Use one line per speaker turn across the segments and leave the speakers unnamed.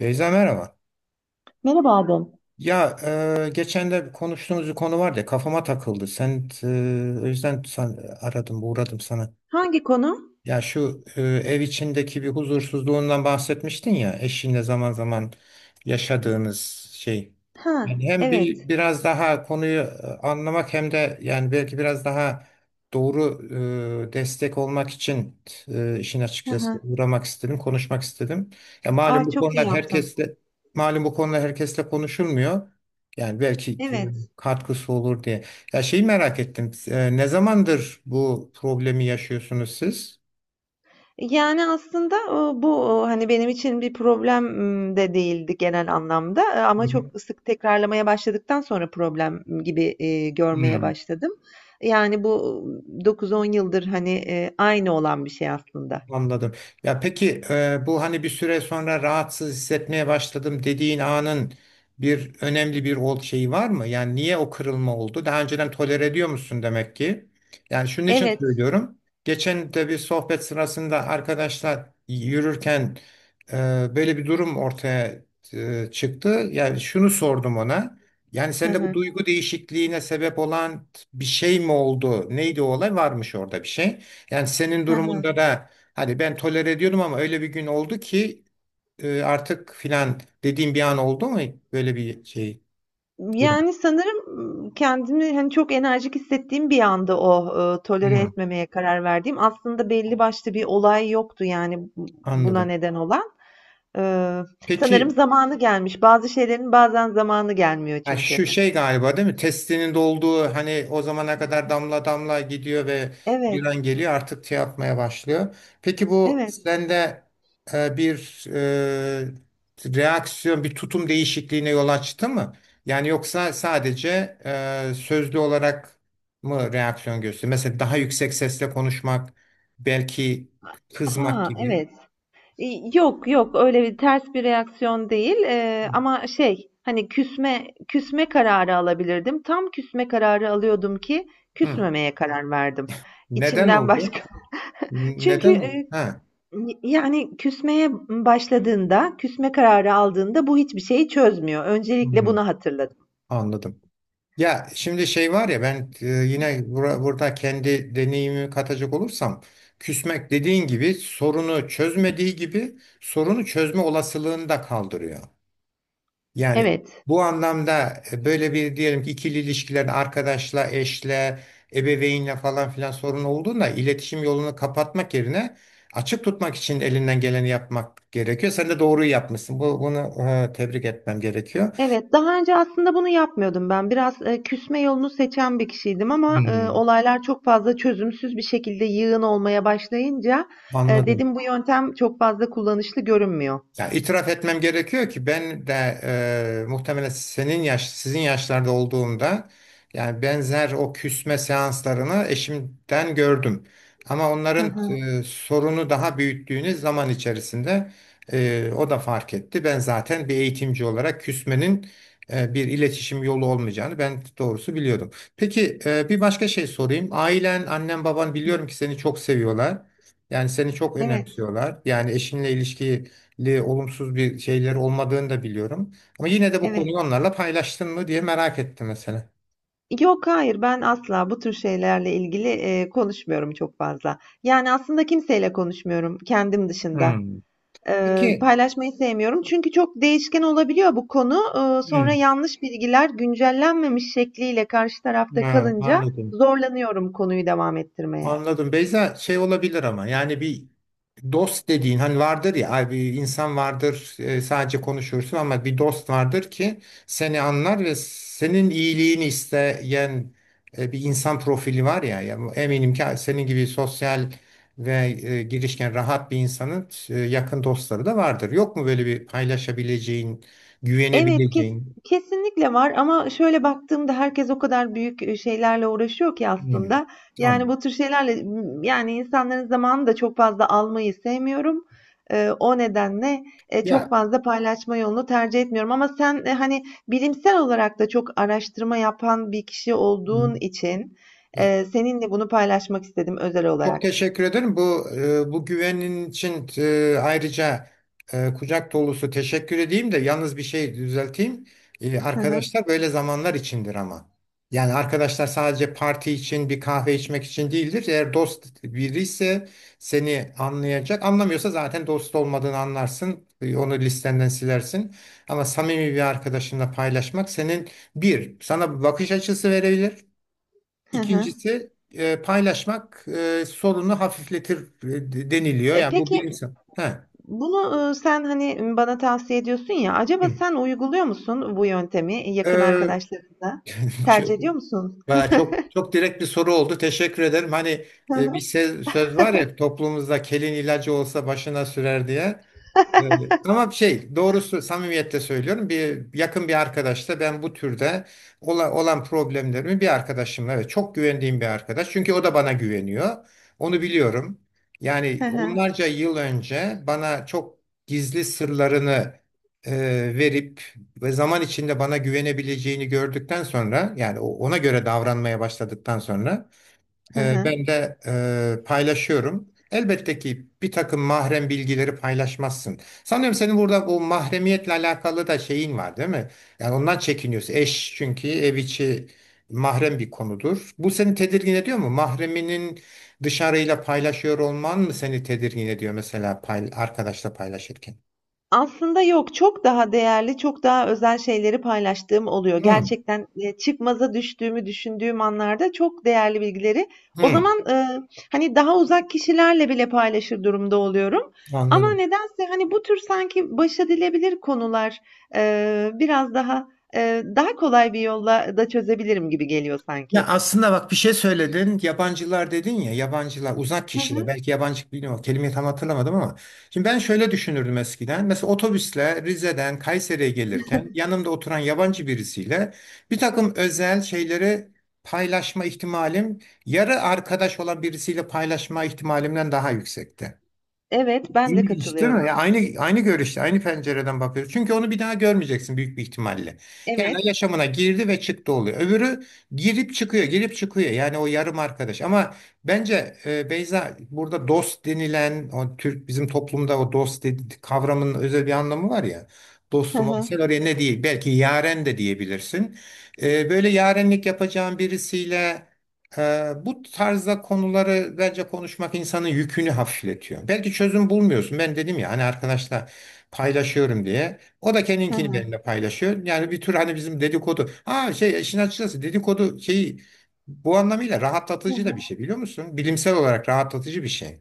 Beyza, merhaba.
Merhaba Adem.
Ya geçen de konuştuğumuz bir konu vardı ya, kafama takıldı. O yüzden aradım, uğradım sana.
Hangi konu?
Ya şu ev içindeki bir huzursuzluğundan bahsetmiştin ya, eşinle zaman zaman yaşadığınız şey.
Ha,
Yani hem bir
evet.
biraz daha konuyu anlamak hem de yani belki biraz daha doğru destek olmak için işin
Hı
açıkçası
hı.
uğramak istedim, konuşmak istedim. Ya malum,
Aa,
bu
çok iyi
konular
yaptın.
herkesle malum bu konular herkesle konuşulmuyor. Yani belki
Evet.
katkısı olur diye. Ya şeyi merak ettim. Ne zamandır bu problemi yaşıyorsunuz siz?
Yani aslında bu hani benim için bir problem de değildi genel anlamda.
Hı
Ama çok
hı.
sık tekrarlamaya başladıktan sonra problem gibi görmeye başladım. Yani bu 9-10 yıldır hani aynı olan bir şey aslında.
Anladım. Ya peki, bu hani bir süre sonra rahatsız hissetmeye başladım dediğin anın önemli bir şeyi var mı? Yani niye o kırılma oldu? Daha önceden tolere ediyor musun demek ki? Yani şunun için
Evet.
söylüyorum. Geçen de bir sohbet sırasında arkadaşlar yürürken e, böyle bir durum ortaya çıktı. Yani şunu sordum ona. Yani
Hı
sende bu
hı.
duygu değişikliğine sebep olan bir şey mi oldu? Neydi o olay? Varmış orada bir şey. Yani senin
Hı hı.
durumunda da hani ben tolere ediyordum ama öyle bir gün oldu ki artık filan dediğim bir an oldu mu, böyle bir durum?
Yani sanırım, kendimi, hani, çok enerjik hissettiğim bir anda o, tolere
Hı,
etmemeye karar verdiğim, aslında belli başlı bir olay yoktu, yani, bu buna
anladım.
neden olan. Iıı, sanırım
Peki.
zamanı gelmiş. Bazı şeylerin bazen zamanı gelmiyor
Ha,
çünkü.
şu şey galiba, değil mi? Testinin dolduğu, hani o zamana kadar damla damla gidiyor ve
Evet,
giren geliyor artık şey yapmaya başlıyor. Peki bu
evet.
sende bir reaksiyon, bir tutum değişikliğine yol açtı mı? Yani yoksa sadece sözlü olarak mı reaksiyon gösteriyor? Mesela daha yüksek sesle konuşmak, belki kızmak
Ha,
gibi.
evet. Yok, yok, öyle bir ters bir reaksiyon değil, ama şey, hani, küsme kararı alabilirdim. Tam küsme kararı alıyordum ki
Hı.
küsmemeye karar verdim.
Neden
İçimden
oldu?
başka. Çünkü,
Neden? Ha.
yani küsmeye başladığında, küsme kararı aldığında bu hiçbir şeyi çözmüyor. Öncelikle
Hı,
bunu hatırladım.
anladım. Ya şimdi, şey var ya, ben yine burada kendi deneyimi katacak olursam, küsmek dediğin gibi sorunu çözmediği gibi sorunu çözme olasılığını da kaldırıyor. Yani
Evet,
bu anlamda böyle bir, diyelim ki ikili ilişkilerin arkadaşla, eşle, ebeveynle falan filan sorun olduğunda iletişim yolunu kapatmak yerine açık tutmak için elinden geleni yapmak gerekiyor. Sen de doğruyu yapmışsın. Bunu tebrik etmem gerekiyor.
evet. Daha önce aslında bunu yapmıyordum ben. Biraz, küsme yolunu seçen bir kişiydim ama,
Hmm,
olaylar çok fazla çözümsüz bir şekilde yığın olmaya başlayınca,
anladım.
dedim bu yöntem çok fazla kullanışlı görünmüyor.
Yani itiraf etmem gerekiyor ki ben de muhtemelen sizin yaşlarda olduğumda yani benzer o küsme seanslarını eşimden gördüm. Ama
Hı
onların
hı.
sorunu daha büyüttüğünüz zaman içerisinde o da fark etti. Ben zaten bir eğitimci olarak küsmenin bir iletişim yolu olmayacağını, ben doğrusu biliyordum. Peki, bir başka şey sorayım. Ailen, annen, baban, biliyorum ki seni çok seviyorlar. Yani seni çok
Evet,
önemsiyorlar. Yani eşinle ilişkiyi olumsuz bir şeyleri olmadığını da biliyorum. Ama yine de bu konuyu
evet.
onlarla paylaştın mı diye merak ettim mesela.
Yok, hayır. Ben asla bu tür şeylerle ilgili, konuşmuyorum çok fazla. Yani aslında kimseyle konuşmuyorum kendim dışında.
Hmm. Peki.
Paylaşmayı sevmiyorum. Çünkü çok değişken olabiliyor bu konu. Sonra
Hmm.
yanlış bilgiler güncellenmemiş şekliyle karşı tarafta
Ha,
kalınca
anladım.
zorlanıyorum konuyu devam ettirmeye.
Anladım. Beyza, şey olabilir ama yani bir dost dediğin hani vardır ya, ay, bir insan vardır sadece konuşursun ama bir dost vardır ki seni anlar ve senin iyiliğini isteyen bir insan profili var ya, ya eminim ki senin gibi sosyal ve girişken, rahat bir insanın yakın dostları da vardır. Yok mu böyle bir paylaşabileceğin,
Evet,
güvenebileceğin?
kesinlikle var ama şöyle baktığımda herkes o kadar büyük, şeylerle uğraşıyor ki
Hmm,
aslında. Yani,
anladım.
bu tür şeylerle, yani, insanların zamanını da çok fazla almayı sevmiyorum. O nedenle, çok
Ya,
fazla paylaşma yolunu tercih etmiyorum ama sen, hani, bilimsel olarak da çok araştırma yapan bir kişi olduğun
hmm,
için,
ya,
seninle bunu paylaşmak istedim özel
çok
olarak.
teşekkür ederim. Bu güvenin için ayrıca kucak dolusu teşekkür edeyim de yalnız bir şey düzelteyim. E,
Hı hı.
arkadaşlar böyle zamanlar içindir ama. Yani arkadaşlar sadece parti için, bir kahve içmek için değildir. Eğer dost biri ise seni anlayacak. Anlamıyorsa zaten dost olmadığını anlarsın. Onu listenden silersin. Ama samimi bir arkadaşınla paylaşmak senin bir sana bir bakış açısı verebilir.
Hı hı.
İkincisi, paylaşmak sorunu hafifletir deniliyor.
Eee,
Yani bu
peki
bilimsel. Ha.
bunu, sen, hani, bana tavsiye ediyorsun ya, acaba
Hı.
sen uyguluyor musun bu yöntemi yakın
Ee,
arkadaşlarınla?
çok,
Tercih ediyor musun?
valla çok çok direkt bir soru oldu. Teşekkür ederim. Hani bir söz var ya toplumumuzda: kelin ilacı olsa başına sürer diye. Evet. Ama şey, doğrusu samimiyetle söylüyorum, bir yakın bir arkadaşla ben bu türde olan problemlerimi, bir arkadaşımla evet, çok güvendiğim bir arkadaş çünkü o da bana güveniyor, onu biliyorum, yani onlarca yıl önce bana çok gizli sırlarını e, verip ve zaman içinde bana güvenebileceğini gördükten sonra, yani ona göre davranmaya başladıktan sonra ben de paylaşıyorum. Elbette ki bir takım mahrem bilgileri paylaşmazsın. Sanıyorum senin burada bu mahremiyetle alakalı da şeyin var, değil mi? Yani ondan çekiniyorsun. Eş, çünkü ev içi mahrem bir konudur. Bu seni tedirgin ediyor mu? Mahreminin dışarıyla paylaşıyor olman mı seni tedirgin ediyor mesela, arkadaşla paylaşırken?
Aslında yok, çok daha değerli, çok daha özel şeyleri paylaştığım oluyor.
Hmm,
Gerçekten, çıkmaza düştüğümü düşündüğüm anlarda çok değerli bilgileri o
hmm,
zaman, hani, daha uzak kişilerle bile paylaşır durumda oluyorum ama
anladım.
nedense, hani, bu tür sanki başedilebilir konular, biraz daha, daha kolay bir yolla da çözebilirim gibi geliyor
Ya
sanki.
aslında bak, bir şey söyledin. Yabancılar dedin ya, yabancılar, uzak
Hı
kişiler,
hı.
belki yabancı, bilmiyorum kelimeyi tam hatırlamadım ama şimdi ben şöyle düşünürdüm eskiden. Mesela otobüsle Rize'den Kayseri'ye gelirken yanımda oturan yabancı birisiyle bir takım özel şeyleri paylaşma ihtimalim, yarı arkadaş olan birisiyle paylaşma ihtimalimden daha yüksekti.
Evet, ben de
İlginç değil mi? Ya
katılıyorum.
aynı görüşte, aynı pencereden bakıyoruz. Çünkü onu bir daha görmeyeceksin büyük bir ihtimalle. Yani
Evet.
yaşamına girdi ve çıktı oluyor. Öbürü girip çıkıyor, girip çıkıyor. Yani o yarım arkadaş. Ama bence Beyza, burada dost denilen, o bizim toplumda o dost kavramının özel bir anlamı var ya.
Hı
Dostum ol,
hı.
sen oraya, ne değil, belki yaren de diyebilirsin. Böyle yarenlik yapacağın birisiyle bu tarzda konuları bence konuşmak insanın yükünü hafifletiyor. Belki çözüm bulmuyorsun. Ben dedim ya, hani arkadaşla paylaşıyorum diye. O da
Hı
kendinkini
hı.
benimle paylaşıyor. Yani bir tür hani bizim dedikodu. Ha, şey, işin açıkçası dedikodu şeyi bu anlamıyla
Hı
rahatlatıcı da bir
hı.
şey, biliyor musun? Bilimsel olarak rahatlatıcı bir şey.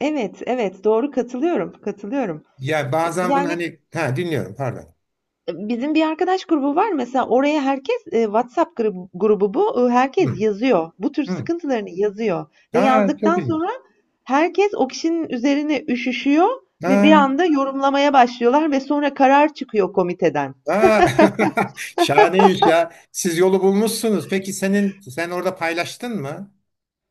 Evet, evet, doğru, katılıyorum, katılıyorum.
Ya bazen bunu
Yani
hani, ha, dinliyorum, pardon.
bizim bir arkadaş grubu var, mesela oraya herkes WhatsApp grubu, bu. E, herkes
Hı,
yazıyor. Bu tür
hı.
sıkıntılarını yazıyor. Ve
Ha, çok
yazdıktan
ilginç.
sonra herkes o kişinin üzerine üşüşüyor ve bir
Ha,
anda yorumlamaya başlıyorlar ve sonra karar çıkıyor komiteden.
ha. Şahane iş ya. Siz yolu bulmuşsunuz. Peki sen orada paylaştın mı?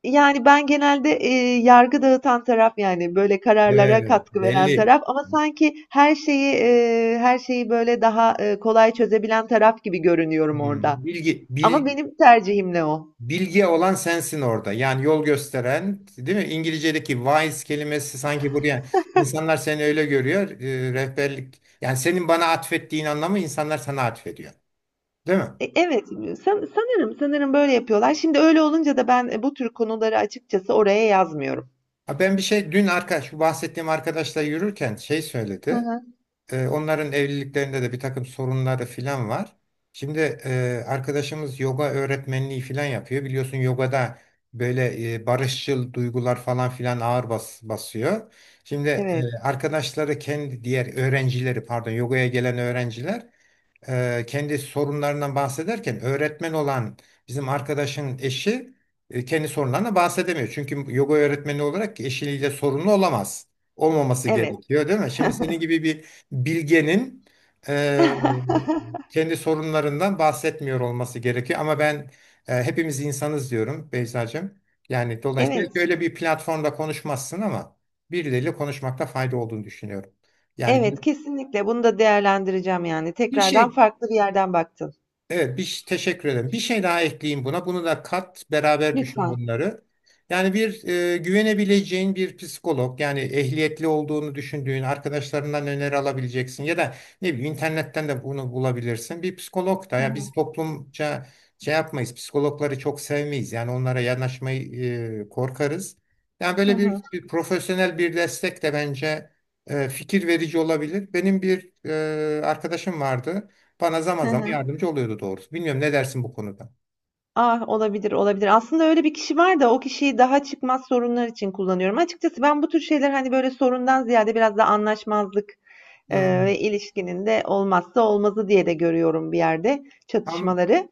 Yani ben genelde yargı dağıtan taraf, yani böyle kararlara
Evet,
katkı veren
belli.
taraf, ama sanki her şeyi böyle daha kolay çözebilen taraf gibi görünüyorum orada.
Hmm,
Ama benim tercihim ne o.
bilgi olan sensin orada. Yani yol gösteren, değil mi? İngilizce'deki wise kelimesi sanki buraya, insanlar seni öyle görüyor. Rehberlik. Yani senin bana atfettiğin anlamı insanlar sana atfediyor. Değil mi?
E, evet, sanırım, sanırım böyle yapıyorlar. Şimdi öyle olunca da ben, bu tür konuları açıkçası oraya yazmıyorum.
Ha. Ben bir şey dün arkadaş, şu bahsettiğim arkadaşla yürürken şey
Hı
söyledi.
hı.
Onların evliliklerinde de bir takım sorunları filan var. Şimdi arkadaşımız yoga öğretmenliği filan yapıyor. Biliyorsun yogada böyle barışçıl duygular falan filan ağır basıyor. Şimdi
Evet,
arkadaşları, kendi diğer öğrencileri, pardon, yogaya gelen öğrenciler kendi sorunlarından bahsederken, öğretmen olan bizim arkadaşın eşi kendi sorunlarına bahsedemiyor. Çünkü yoga öğretmeni olarak eşiyle sorunlu olamaz. Olmaması
evet.
gerekiyor, değil mi? Şimdi senin gibi bir bilgenin e, kendi sorunlarından bahsetmiyor olması gerekiyor. Ama ben hepimiz insanız diyorum Beyza'cığım. Yani dolayısıyla
Evet,
öyle bir platformda konuşmazsın ama birileriyle konuşmakta fayda olduğunu düşünüyorum. Yani bir
evet, kesinlikle bunu da değerlendireceğim yani.
bir
Tekrardan
şey
farklı bir yerden baktın.
Evet, teşekkür ederim. Bir şey daha ekleyeyim buna. Bunu da kat, beraber düşün
Lütfen.
bunları. Yani bir güvenebileceğin bir psikolog, yani ehliyetli olduğunu düşündüğün arkadaşlarından öneri alabileceksin ya da ne bileyim, internetten de bunu bulabilirsin. Bir psikolog da,
Hı
ya
hı.
biz toplumca şey yapmayız, psikologları çok sevmeyiz. Yani onlara yanaşmayı korkarız. Yani
Hı
böyle
hı.
bir, profesyonel bir destek de bence fikir verici olabilir. Benim bir arkadaşım vardı. Bana zaman
Hı
zaman
hı.
yardımcı oluyordu doğrusu. Bilmiyorum, ne dersin bu konuda?
Ah, olabilir, olabilir. Aslında öyle bir kişi var da o kişiyi daha çıkmaz sorunlar için kullanıyorum. Açıkçası ben bu tür şeyler hani böyle sorundan ziyade biraz da anlaşmazlık.
Hmm.
Ve ilişkinin de olmazsa olmazı diye de görüyorum bir yerde
Tam
çatışmaları.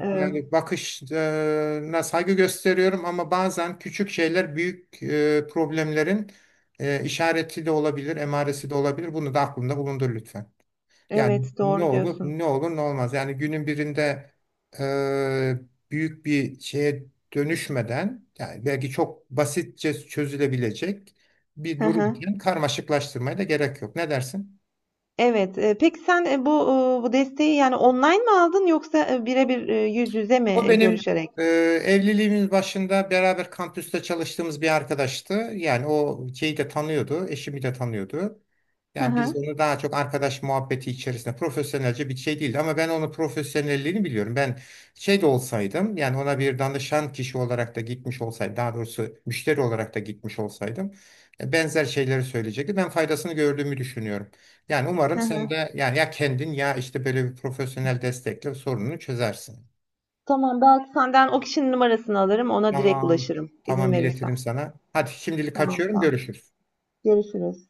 Eee,
Yani bakışına saygı gösteriyorum ama bazen küçük şeyler büyük problemlerin işareti de olabilir, emaresi de olabilir. Bunu da aklında bulundur lütfen. Yani
evet,
ne
doğru
olur,
diyorsun.
ne olur ne olmaz. Yani günün birinde e, büyük bir şeye dönüşmeden, yani belki çok basitçe çözülebilecek bir
Hı
durum
hı.
için karmaşıklaştırmaya da gerek yok. Ne dersin?
Evet, peki sen bu bu desteği yani online mi aldın yoksa birebir yüz yüze mi
O benim
görüşerek?
e, evliliğimin başında beraber kampüste çalıştığımız bir arkadaştı. Yani o şeyi de tanıyordu, eşimi de tanıyordu.
Hı
Yani biz
hı.
onu daha çok arkadaş muhabbeti içerisinde, profesyonelce bir şey değildi, ama ben onun profesyonelliğini biliyorum. Ben şey de olsaydım, yani ona bir danışan kişi olarak da gitmiş olsaydım, daha doğrusu müşteri olarak da gitmiş olsaydım benzer şeyleri söyleyecekti. Ben faydasını gördüğümü düşünüyorum. Yani
Hı
umarım sen
hı.
de yani ya kendin ya işte böyle bir profesyonel destekle sorununu çözersin.
Tamam, belki senden o kişinin numarasını alırım, ona direkt
Tamam.
ulaşırım izin
Tamam,
verirsen.
iletirim sana. Hadi şimdilik
Tamam,
kaçıyorum.
sağ ol.
Görüşürüz.
Görüşürüz.